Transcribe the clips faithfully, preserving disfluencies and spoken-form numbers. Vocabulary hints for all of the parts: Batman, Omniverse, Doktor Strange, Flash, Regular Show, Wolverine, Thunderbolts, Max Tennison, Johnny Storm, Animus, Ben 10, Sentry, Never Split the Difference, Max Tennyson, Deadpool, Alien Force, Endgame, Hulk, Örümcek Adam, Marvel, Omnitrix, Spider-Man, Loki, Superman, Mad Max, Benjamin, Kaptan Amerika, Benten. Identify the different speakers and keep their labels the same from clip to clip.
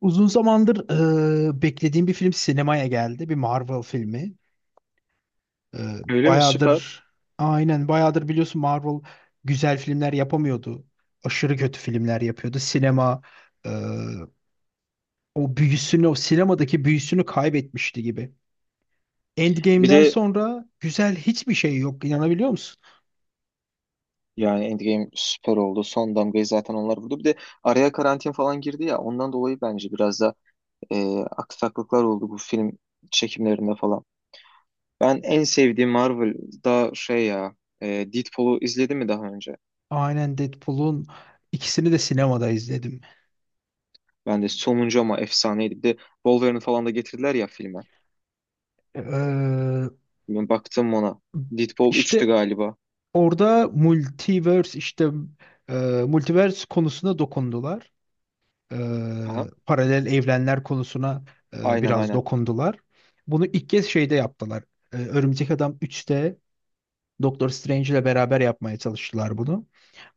Speaker 1: Uzun zamandır e, beklediğim bir film sinemaya geldi. Bir Marvel filmi. E,
Speaker 2: Öyle mi? Süper.
Speaker 1: bayağıdır aynen bayağıdır biliyorsun Marvel güzel filmler yapamıyordu. Aşırı kötü filmler yapıyordu. Sinema e, o büyüsünü, o sinemadaki büyüsünü kaybetmişti gibi.
Speaker 2: Bir
Speaker 1: Endgame'den
Speaker 2: de
Speaker 1: sonra güzel hiçbir şey yok. İnanabiliyor musun?
Speaker 2: yani Endgame süper oldu. Son damgayı zaten onlar vurdu. Bir de araya karantin falan girdi ya. Ondan dolayı bence biraz da e, aksaklıklar oldu bu film çekimlerinde falan. Ben en sevdiğim Marvel'da şey ya e, Deadpool'u izledim mi daha önce?
Speaker 1: Aynen Deadpool'un ikisini de sinemada izledim.
Speaker 2: Ben de sonuncu ama efsaneydi. Bir de Wolverine falan da getirdiler ya filme.
Speaker 1: E,
Speaker 2: Ben baktım ona. Deadpool üçtü
Speaker 1: işte
Speaker 2: galiba.
Speaker 1: orada multiverse işte e, multiverse konusuna dokundular. E,
Speaker 2: Aha.
Speaker 1: Paralel evrenler konusuna e,
Speaker 2: Aynen
Speaker 1: biraz
Speaker 2: aynen.
Speaker 1: dokundular. Bunu ilk kez şeyde yaptılar. E, Örümcek Adam üçte Doktor Strange ile beraber yapmaya çalıştılar bunu.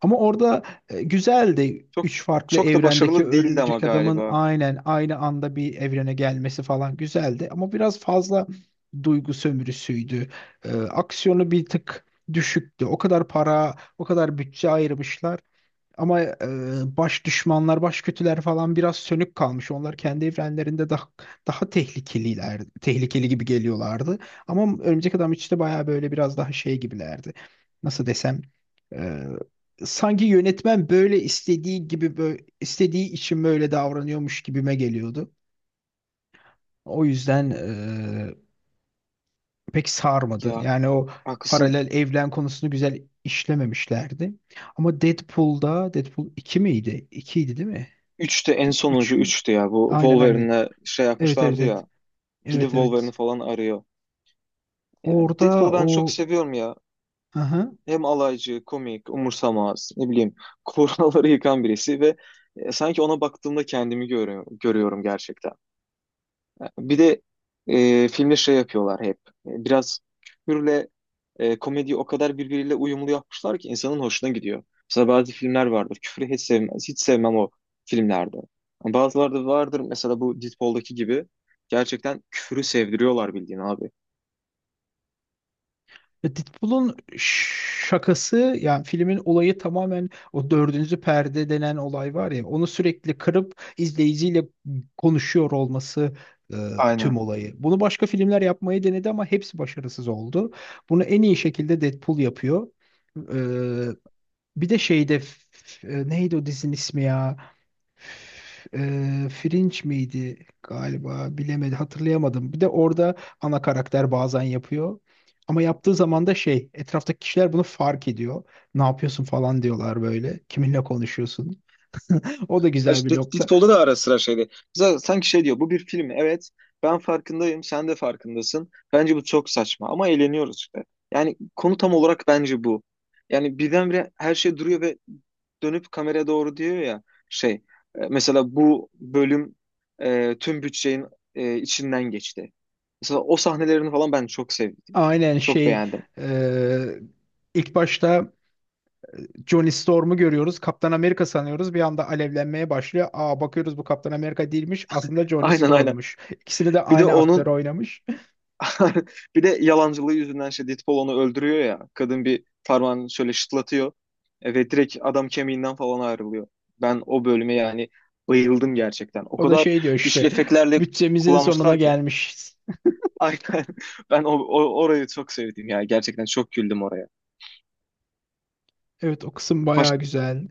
Speaker 1: Ama orada e, güzeldi.
Speaker 2: Çok
Speaker 1: Üç farklı
Speaker 2: çok da
Speaker 1: evrendeki
Speaker 2: başarılı değildi ama
Speaker 1: örümcek adamın
Speaker 2: galiba.
Speaker 1: aynen aynı anda bir evrene gelmesi falan güzeldi. Ama biraz fazla duygu sömürüsüydü. E, aksiyonu bir tık düşüktü. O kadar para, o kadar bütçe ayırmışlar. Ama e, baş düşmanlar, baş kötüler falan biraz sönük kalmış. Onlar kendi evrenlerinde daha daha tehlikeliler, tehlikeli gibi geliyorlardı. Ama Örümcek Adam üçte bayağı böyle biraz daha şey gibilerdi. Nasıl desem, e, sanki yönetmen böyle istediği gibi böyle, istediği için böyle davranıyormuş gibime geliyordu. O yüzden e, pek sarmadı.
Speaker 2: Ya
Speaker 1: Yani o
Speaker 2: haklısın.
Speaker 1: paralel evren konusunu güzel işlememişlerdi. Ama Deadpool'da Deadpool iki miydi? iki değil mi?
Speaker 2: Üçte en sonuncu
Speaker 1: Üç mü?
Speaker 2: üçtü ya. Bu
Speaker 1: Aynen, aynen.
Speaker 2: Wolverine'le şey
Speaker 1: Evet, evet,
Speaker 2: yapmışlardı
Speaker 1: evet.
Speaker 2: ya. Gidip
Speaker 1: Evet,
Speaker 2: Wolverine'i
Speaker 1: evet.
Speaker 2: falan arıyor. Yani
Speaker 1: Orada
Speaker 2: Deadpool'u ben çok
Speaker 1: o.
Speaker 2: seviyorum ya.
Speaker 1: Hı.
Speaker 2: Hem alaycı, komik, umursamaz, ne bileyim, kuralları yıkan birisi ve e, sanki ona baktığımda kendimi görüyorum, görüyorum gerçekten. Bir de e, filmde şey yapıyorlar hep. E, Biraz küfürle e, komediyi o kadar birbiriyle uyumlu yapmışlar ki insanın hoşuna gidiyor. Mesela bazı filmler vardır. Küfrü hiç sevmez. Hiç sevmem o filmlerde. Ama bazıları da vardır. Mesela bu Deadpool'daki gibi. Gerçekten küfürü sevdiriyorlar bildiğin abi.
Speaker 1: Ya Deadpool'un şakası yani filmin olayı tamamen o dördüncü perde denen olay var ya onu sürekli kırıp izleyiciyle konuşuyor olması e, tüm
Speaker 2: Aynen.
Speaker 1: olayı. Bunu başka filmler yapmayı denedi ama hepsi başarısız oldu. Bunu en iyi şekilde Deadpool yapıyor. E, Bir de şeyde f- e, neydi o dizinin ismi ya? Eee Fringe miydi galiba, bilemedim, hatırlayamadım. Bir de orada ana karakter bazen yapıyor. Ama yaptığı zaman da şey etraftaki kişiler bunu fark ediyor. Ne yapıyorsun falan diyorlar böyle. Kiminle konuşuyorsun? O da
Speaker 2: Ha,
Speaker 1: güzel bir
Speaker 2: İşte
Speaker 1: nokta.
Speaker 2: Deadpool'da da ara sıra şeydi. Z- Sanki şey diyor, bu bir film, evet ben farkındayım, sen de farkındasın. Bence bu çok saçma ama eğleniyoruz işte. Yani konu tam olarak bence bu. Yani birdenbire her şey duruyor ve dönüp kameraya doğru diyor ya şey, e, mesela bu bölüm e, tüm bütçenin e, içinden geçti. Mesela o sahnelerini falan ben çok sevdim.
Speaker 1: Aynen
Speaker 2: Çok
Speaker 1: şey.
Speaker 2: beğendim.
Speaker 1: eee, ilk başta Johnny Storm'u görüyoruz. Kaptan Amerika sanıyoruz. Bir anda alevlenmeye başlıyor. Aa, bakıyoruz bu Kaptan Amerika değilmiş. Aslında Johnny
Speaker 2: Aynen aynen.
Speaker 1: Storm'muş. İkisini de
Speaker 2: Bir de
Speaker 1: aynı aktör
Speaker 2: onun
Speaker 1: oynamış.
Speaker 2: bir de yalancılığı yüzünden şey, Deadpool onu öldürüyor ya. Kadın bir parmağını şöyle şıtlatıyor. E, ve direkt adam kemiğinden falan ayrılıyor. Ben o bölüme yani bayıldım gerçekten. O
Speaker 1: O da
Speaker 2: kadar
Speaker 1: şey diyor
Speaker 2: güçlü
Speaker 1: işte,
Speaker 2: efektlerle
Speaker 1: bütçemizin sonuna
Speaker 2: kullanmışlar ki.
Speaker 1: gelmişiz.
Speaker 2: Aynen. Ben o, o- orayı çok sevdim ya. Gerçekten çok güldüm oraya.
Speaker 1: Evet, o kısım
Speaker 2: Baş,
Speaker 1: bayağı güzel.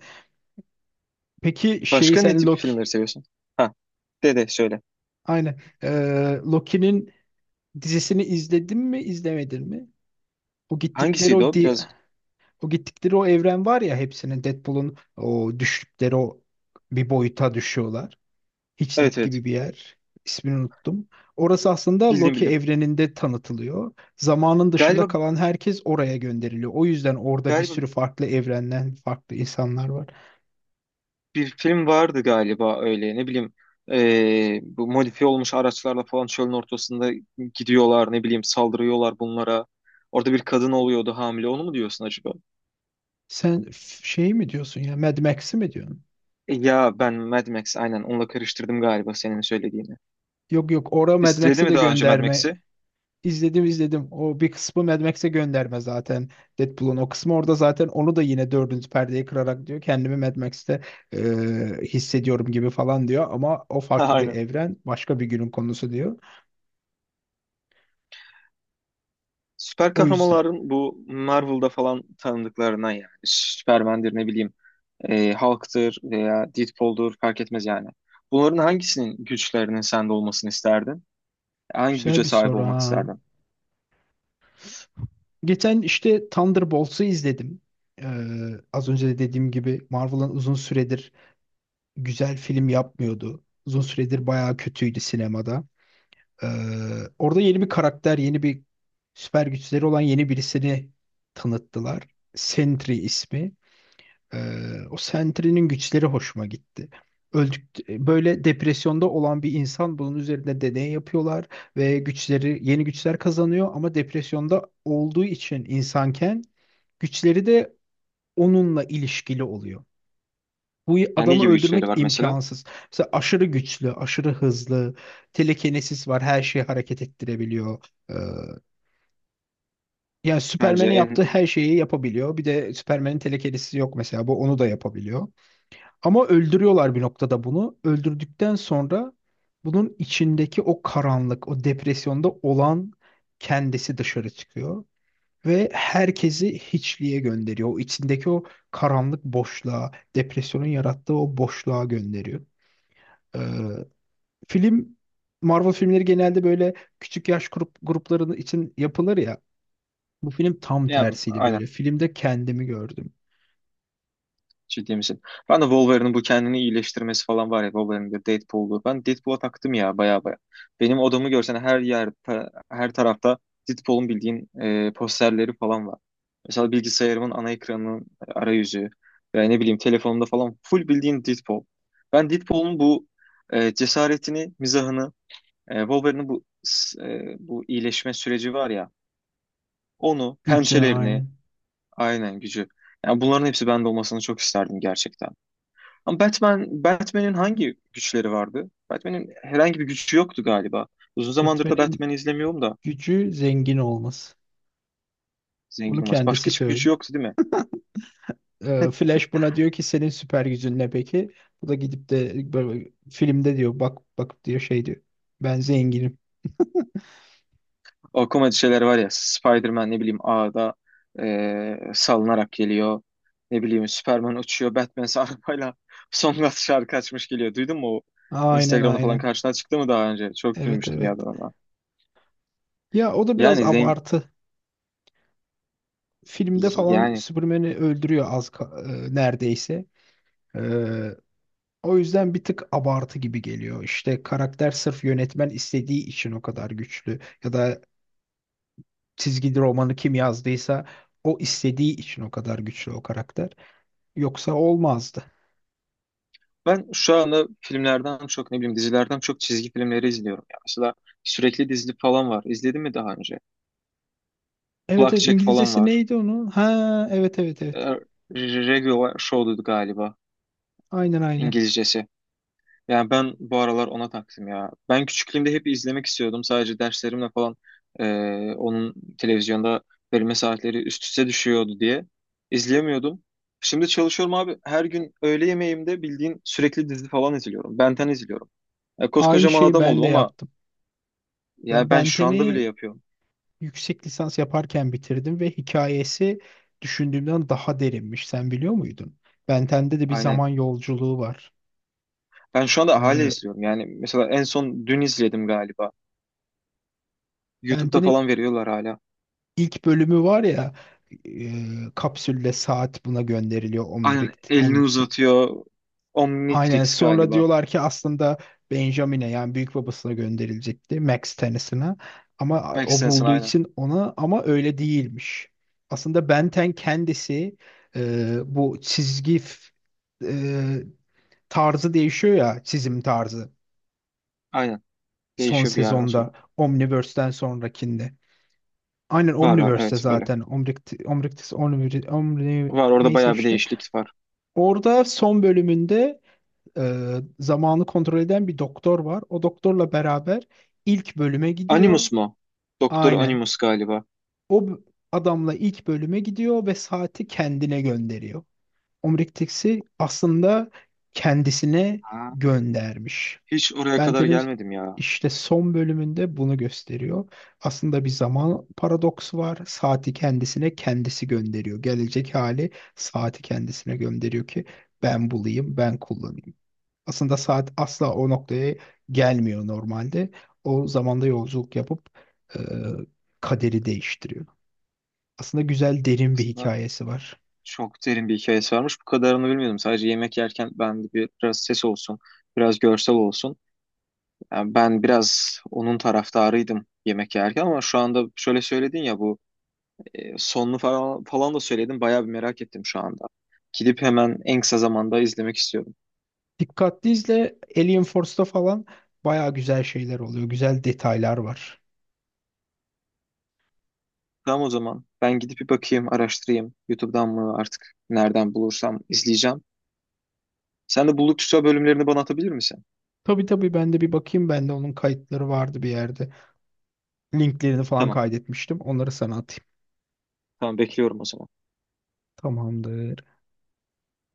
Speaker 1: Peki şey,
Speaker 2: başka ne
Speaker 1: sen
Speaker 2: tip
Speaker 1: Loki
Speaker 2: filmleri seviyorsun? Ha, de de söyle.
Speaker 1: aynen. Ee, Loki'nin dizisini izledin mi izlemedin mi? O gittikleri
Speaker 2: Hangisiydi
Speaker 1: o
Speaker 2: o?
Speaker 1: di
Speaker 2: Biraz.
Speaker 1: o gittikleri o evren var ya, hepsinin Deadpool'un o düştükleri o, bir boyuta düşüyorlar.
Speaker 2: Evet
Speaker 1: Hiçlik
Speaker 2: evet.
Speaker 1: gibi bir yer. İsmini unuttum. Orası aslında
Speaker 2: Bildim
Speaker 1: Loki
Speaker 2: bildim.
Speaker 1: evreninde tanıtılıyor. Zamanın dışında
Speaker 2: Galiba
Speaker 1: kalan herkes oraya gönderiliyor. O yüzden orada bir
Speaker 2: galiba
Speaker 1: sürü farklı evrenden farklı insanlar var.
Speaker 2: bir film vardı galiba öyle ne bileyim eee, bu modifiye olmuş araçlarla falan çölün ortasında gidiyorlar, ne bileyim saldırıyorlar bunlara. Orada bir kadın oluyordu hamile, onu mu diyorsun acaba?
Speaker 1: Sen f- şey mi diyorsun ya, Mad Max'i mi diyorsun?
Speaker 2: E, ya ben Mad Max aynen onunla karıştırdım galiba senin söylediğini.
Speaker 1: Yok, yok, ora Mad
Speaker 2: İzledi
Speaker 1: Max'e
Speaker 2: mi
Speaker 1: de
Speaker 2: daha önce Mad
Speaker 1: gönderme.
Speaker 2: Max'i?
Speaker 1: İzledim, izledim. O bir kısmı Mad Max'e gönderme zaten. Deadpool'un o kısmı orada zaten onu da yine dördüncü perdeyi kırarak diyor. Kendimi Mad Max'te e, hissediyorum gibi falan diyor. Ama o farklı bir
Speaker 2: Aynen.
Speaker 1: evren. Başka bir günün konusu diyor.
Speaker 2: Süper
Speaker 1: O yüzden.
Speaker 2: kahramanların bu Marvel'da falan tanıdıklarına yani Superman'dir, ne bileyim eee Hulk'tır veya Deadpool'dur fark etmez yani. Bunların hangisinin güçlerinin sende olmasını isterdin? Hangi güce
Speaker 1: Güzel bir
Speaker 2: sahip
Speaker 1: soru
Speaker 2: olmak
Speaker 1: ha.
Speaker 2: isterdin?
Speaker 1: Geçen işte Thunderbolts'u izledim. E, Az önce de dediğim gibi Marvel'ın uzun süredir güzel film yapmıyordu. Uzun süredir bayağı kötüydü sinemada. Ee, Orada yeni bir karakter, yeni bir süper güçleri olan yeni birisini tanıttılar. Sentry ismi. Ee, o Sentry'nin güçleri hoşuma gitti. Öldük, böyle depresyonda olan bir insan bunun üzerinde deney yapıyorlar ve güçleri, yeni güçler kazanıyor ama depresyonda olduğu için insanken güçleri de onunla ilişkili oluyor. Bu
Speaker 2: Yani ne
Speaker 1: adamı
Speaker 2: gibi
Speaker 1: öldürmek
Speaker 2: güçleri var mesela?
Speaker 1: imkansız. Mesela aşırı güçlü, aşırı hızlı, telekinesis var, her şeyi hareket ettirebiliyor. Ee, Yani
Speaker 2: Bence
Speaker 1: Superman'in
Speaker 2: en
Speaker 1: yaptığı her şeyi yapabiliyor. Bir de Superman'in telekinesisi yok mesela, bu onu da yapabiliyor. Ama öldürüyorlar bir noktada bunu. Öldürdükten sonra bunun içindeki o karanlık, o depresyonda olan kendisi dışarı çıkıyor. Ve herkesi hiçliğe gönderiyor. O içindeki o karanlık boşluğa, depresyonun yarattığı o boşluğa gönderiyor. Ee, Film, Marvel filmleri genelde böyle küçük yaş grup gruplarının için yapılır ya. Bu film tam
Speaker 2: yani
Speaker 1: tersiydi
Speaker 2: aynen,
Speaker 1: böyle. Filmde kendimi gördüm.
Speaker 2: ciddi misin? Ben de Wolverine'in bu kendini iyileştirmesi falan var ya, Wolverine'de Deadpool'du. Ben Deadpool'a taktım ya baya baya. Benim odamı görsen her yer ta- her tarafta Deadpool'un bildiğin e, posterleri falan var. Mesela bilgisayarımın ana ekranının arayüzü veya ne bileyim telefonumda falan full bildiğin Deadpool. Ben Deadpool'un bu e, cesaretini, mizahını, e, Wolverine'in bu s- e, bu iyileşme süreci var ya, onu,
Speaker 1: Gücü
Speaker 2: pençelerini,
Speaker 1: aynen.
Speaker 2: aynen gücü. Yani bunların hepsi bende olmasını çok isterdim gerçekten. Ama Batman, Batman'in hangi güçleri vardı? Batman'in herhangi bir gücü yoktu galiba. Uzun zamandır da
Speaker 1: Batman'in
Speaker 2: Batman'i izlemiyorum da
Speaker 1: gücü zengin olması.
Speaker 2: zengin
Speaker 1: Bunu
Speaker 2: olması.
Speaker 1: kendisi
Speaker 2: Başka hiçbir gücü
Speaker 1: söylüyor.
Speaker 2: yoktu değil mi?
Speaker 1: Ee, Flash buna diyor ki senin süper gücün ne peki? Bu da gidip de böyle filmde diyor, bak bakıp diyor şey diyor. Ben zenginim.
Speaker 2: O komedi şeyler var ya, Spider-Man ne bileyim ağda eee, salınarak geliyor. Ne bileyim Superman uçuyor. Batman ise arabayla Songülen şarkı açmış geliyor. Duydun mu o?
Speaker 1: Aynen,
Speaker 2: Instagram'da falan
Speaker 1: aynen.
Speaker 2: karşına çıktı mı daha önce? Çok
Speaker 1: Evet,
Speaker 2: gülmüştüm ya
Speaker 1: evet.
Speaker 2: ben ona.
Speaker 1: Ya o da biraz
Speaker 2: Yani zengin
Speaker 1: abartı. Filmde falan
Speaker 2: yani.
Speaker 1: Superman'i öldürüyor az ka- e, neredeyse. Ee, O yüzden bir tık abartı gibi geliyor. İşte karakter sırf yönetmen istediği için o kadar güçlü ya da çizgi romanı kim yazdıysa o istediği için o kadar güçlü o karakter. Yoksa olmazdı.
Speaker 2: Ben şu anda filmlerden çok, ne bileyim dizilerden çok çizgi filmleri izliyorum ya. Mesela sürekli dizili falan var. İzledin mi daha önce?
Speaker 1: Evet, evet,
Speaker 2: Kulakçek falan
Speaker 1: İngilizcesi
Speaker 2: var.
Speaker 1: neydi onun? Ha, evet, evet, evet.
Speaker 2: E, Regular Show'du galiba
Speaker 1: Aynen, aynen.
Speaker 2: İngilizcesi. Yani ben bu aralar ona taktım ya. Ben küçüklüğümde hep izlemek istiyordum. Sadece derslerimle falan e, onun televizyonda verilme saatleri üst üste düşüyordu diye izleyemiyordum. Şimdi çalışıyorum abi. Her gün öğle yemeğimde bildiğin sürekli dizi falan izliyorum. Benten izliyorum. Ya
Speaker 1: Aynı
Speaker 2: koskocaman
Speaker 1: şeyi
Speaker 2: adam
Speaker 1: ben
Speaker 2: oldum
Speaker 1: de
Speaker 2: ama
Speaker 1: yaptım. Ben
Speaker 2: ya ben şu anda bile
Speaker 1: Benten'i
Speaker 2: yapıyorum.
Speaker 1: yüksek lisans yaparken bitirdim ve hikayesi düşündüğümden daha derinmiş. Sen biliyor muydun? Benten'de de bir
Speaker 2: Aynen.
Speaker 1: zaman yolculuğu var.
Speaker 2: Ben şu anda hala
Speaker 1: Ee,
Speaker 2: izliyorum. Yani mesela en son dün izledim galiba. YouTube'da
Speaker 1: Benten'in
Speaker 2: falan veriyorlar hala.
Speaker 1: İlk bölümü var ya, e, kapsülle saat buna gönderiliyor, Omnitrix,
Speaker 2: Aynen elini
Speaker 1: Omnitrix.
Speaker 2: uzatıyor.
Speaker 1: Aynen,
Speaker 2: Omnitrix
Speaker 1: sonra
Speaker 2: galiba.
Speaker 1: diyorlar ki aslında Benjamin'e yani büyük babasına gönderilecekti, Max Tennison'a, ama
Speaker 2: Max
Speaker 1: o
Speaker 2: Sensen
Speaker 1: bulduğu
Speaker 2: aynen.
Speaker 1: için ona, ama öyle değilmiş. Aslında Benten kendisi e, bu çizgi f- e, tarzı değişiyor ya, çizim tarzı,
Speaker 2: Aynen.
Speaker 1: son
Speaker 2: Değişiyor bir yerden sonra.
Speaker 1: sezonda Omniverse'den sonrakinde. Aynen
Speaker 2: Var var,
Speaker 1: Omniverse'te
Speaker 2: evet öyle.
Speaker 1: zaten. Omnict Omnictis Omniv- Omni
Speaker 2: Var, orada
Speaker 1: neyse
Speaker 2: bayağı bir
Speaker 1: işte.
Speaker 2: değişiklik var.
Speaker 1: Orada son bölümünde e, zamanı kontrol eden bir doktor var. O doktorla beraber ilk bölüme
Speaker 2: Animus
Speaker 1: gidiyor.
Speaker 2: mu? Doktor
Speaker 1: Aynen.
Speaker 2: Animus galiba.
Speaker 1: O b- Adamla ilk bölüme gidiyor ve saati kendine gönderiyor. Omnictis'i aslında kendisine
Speaker 2: Ha.
Speaker 1: göndermiş.
Speaker 2: Hiç oraya kadar
Speaker 1: Bentel'in
Speaker 2: gelmedim ya.
Speaker 1: işte son bölümünde bunu gösteriyor. Aslında bir zaman paradoksu var. Saati kendisine kendisi gönderiyor. Gelecek hali saati kendisine gönderiyor ki ben bulayım, ben kullanayım. Aslında saat asla o noktaya gelmiyor normalde. O zamanda yolculuk yapıp e, kaderi değiştiriyor. Aslında güzel, derin bir
Speaker 2: Aslında
Speaker 1: hikayesi var.
Speaker 2: çok derin bir hikayesi varmış. Bu kadarını bilmiyordum. Sadece yemek yerken ben de bir- biraz ses olsun, biraz görsel olsun. Yani ben biraz onun taraftarıydım yemek yerken ama şu anda şöyle söyledin ya bu e, sonunu falan, falan da söyledin, bayağı bir merak ettim şu anda. Gidip hemen en kısa zamanda izlemek istiyorum.
Speaker 1: Dikkatli izle, Alien Force'da falan baya güzel şeyler oluyor. Güzel detaylar var.
Speaker 2: Tamam o zaman ben gidip bir bakayım, araştırayım. YouTube'dan mı artık nereden bulursam izleyeceğim. Sen de buldukça bölümlerini bana atabilir misin?
Speaker 1: Tabii, tabii, ben de bir bakayım. Bende onun kayıtları vardı bir yerde. Linklerini falan
Speaker 2: Tamam,
Speaker 1: kaydetmiştim. Onları sana atayım.
Speaker 2: tamam bekliyorum o zaman.
Speaker 1: Tamamdır.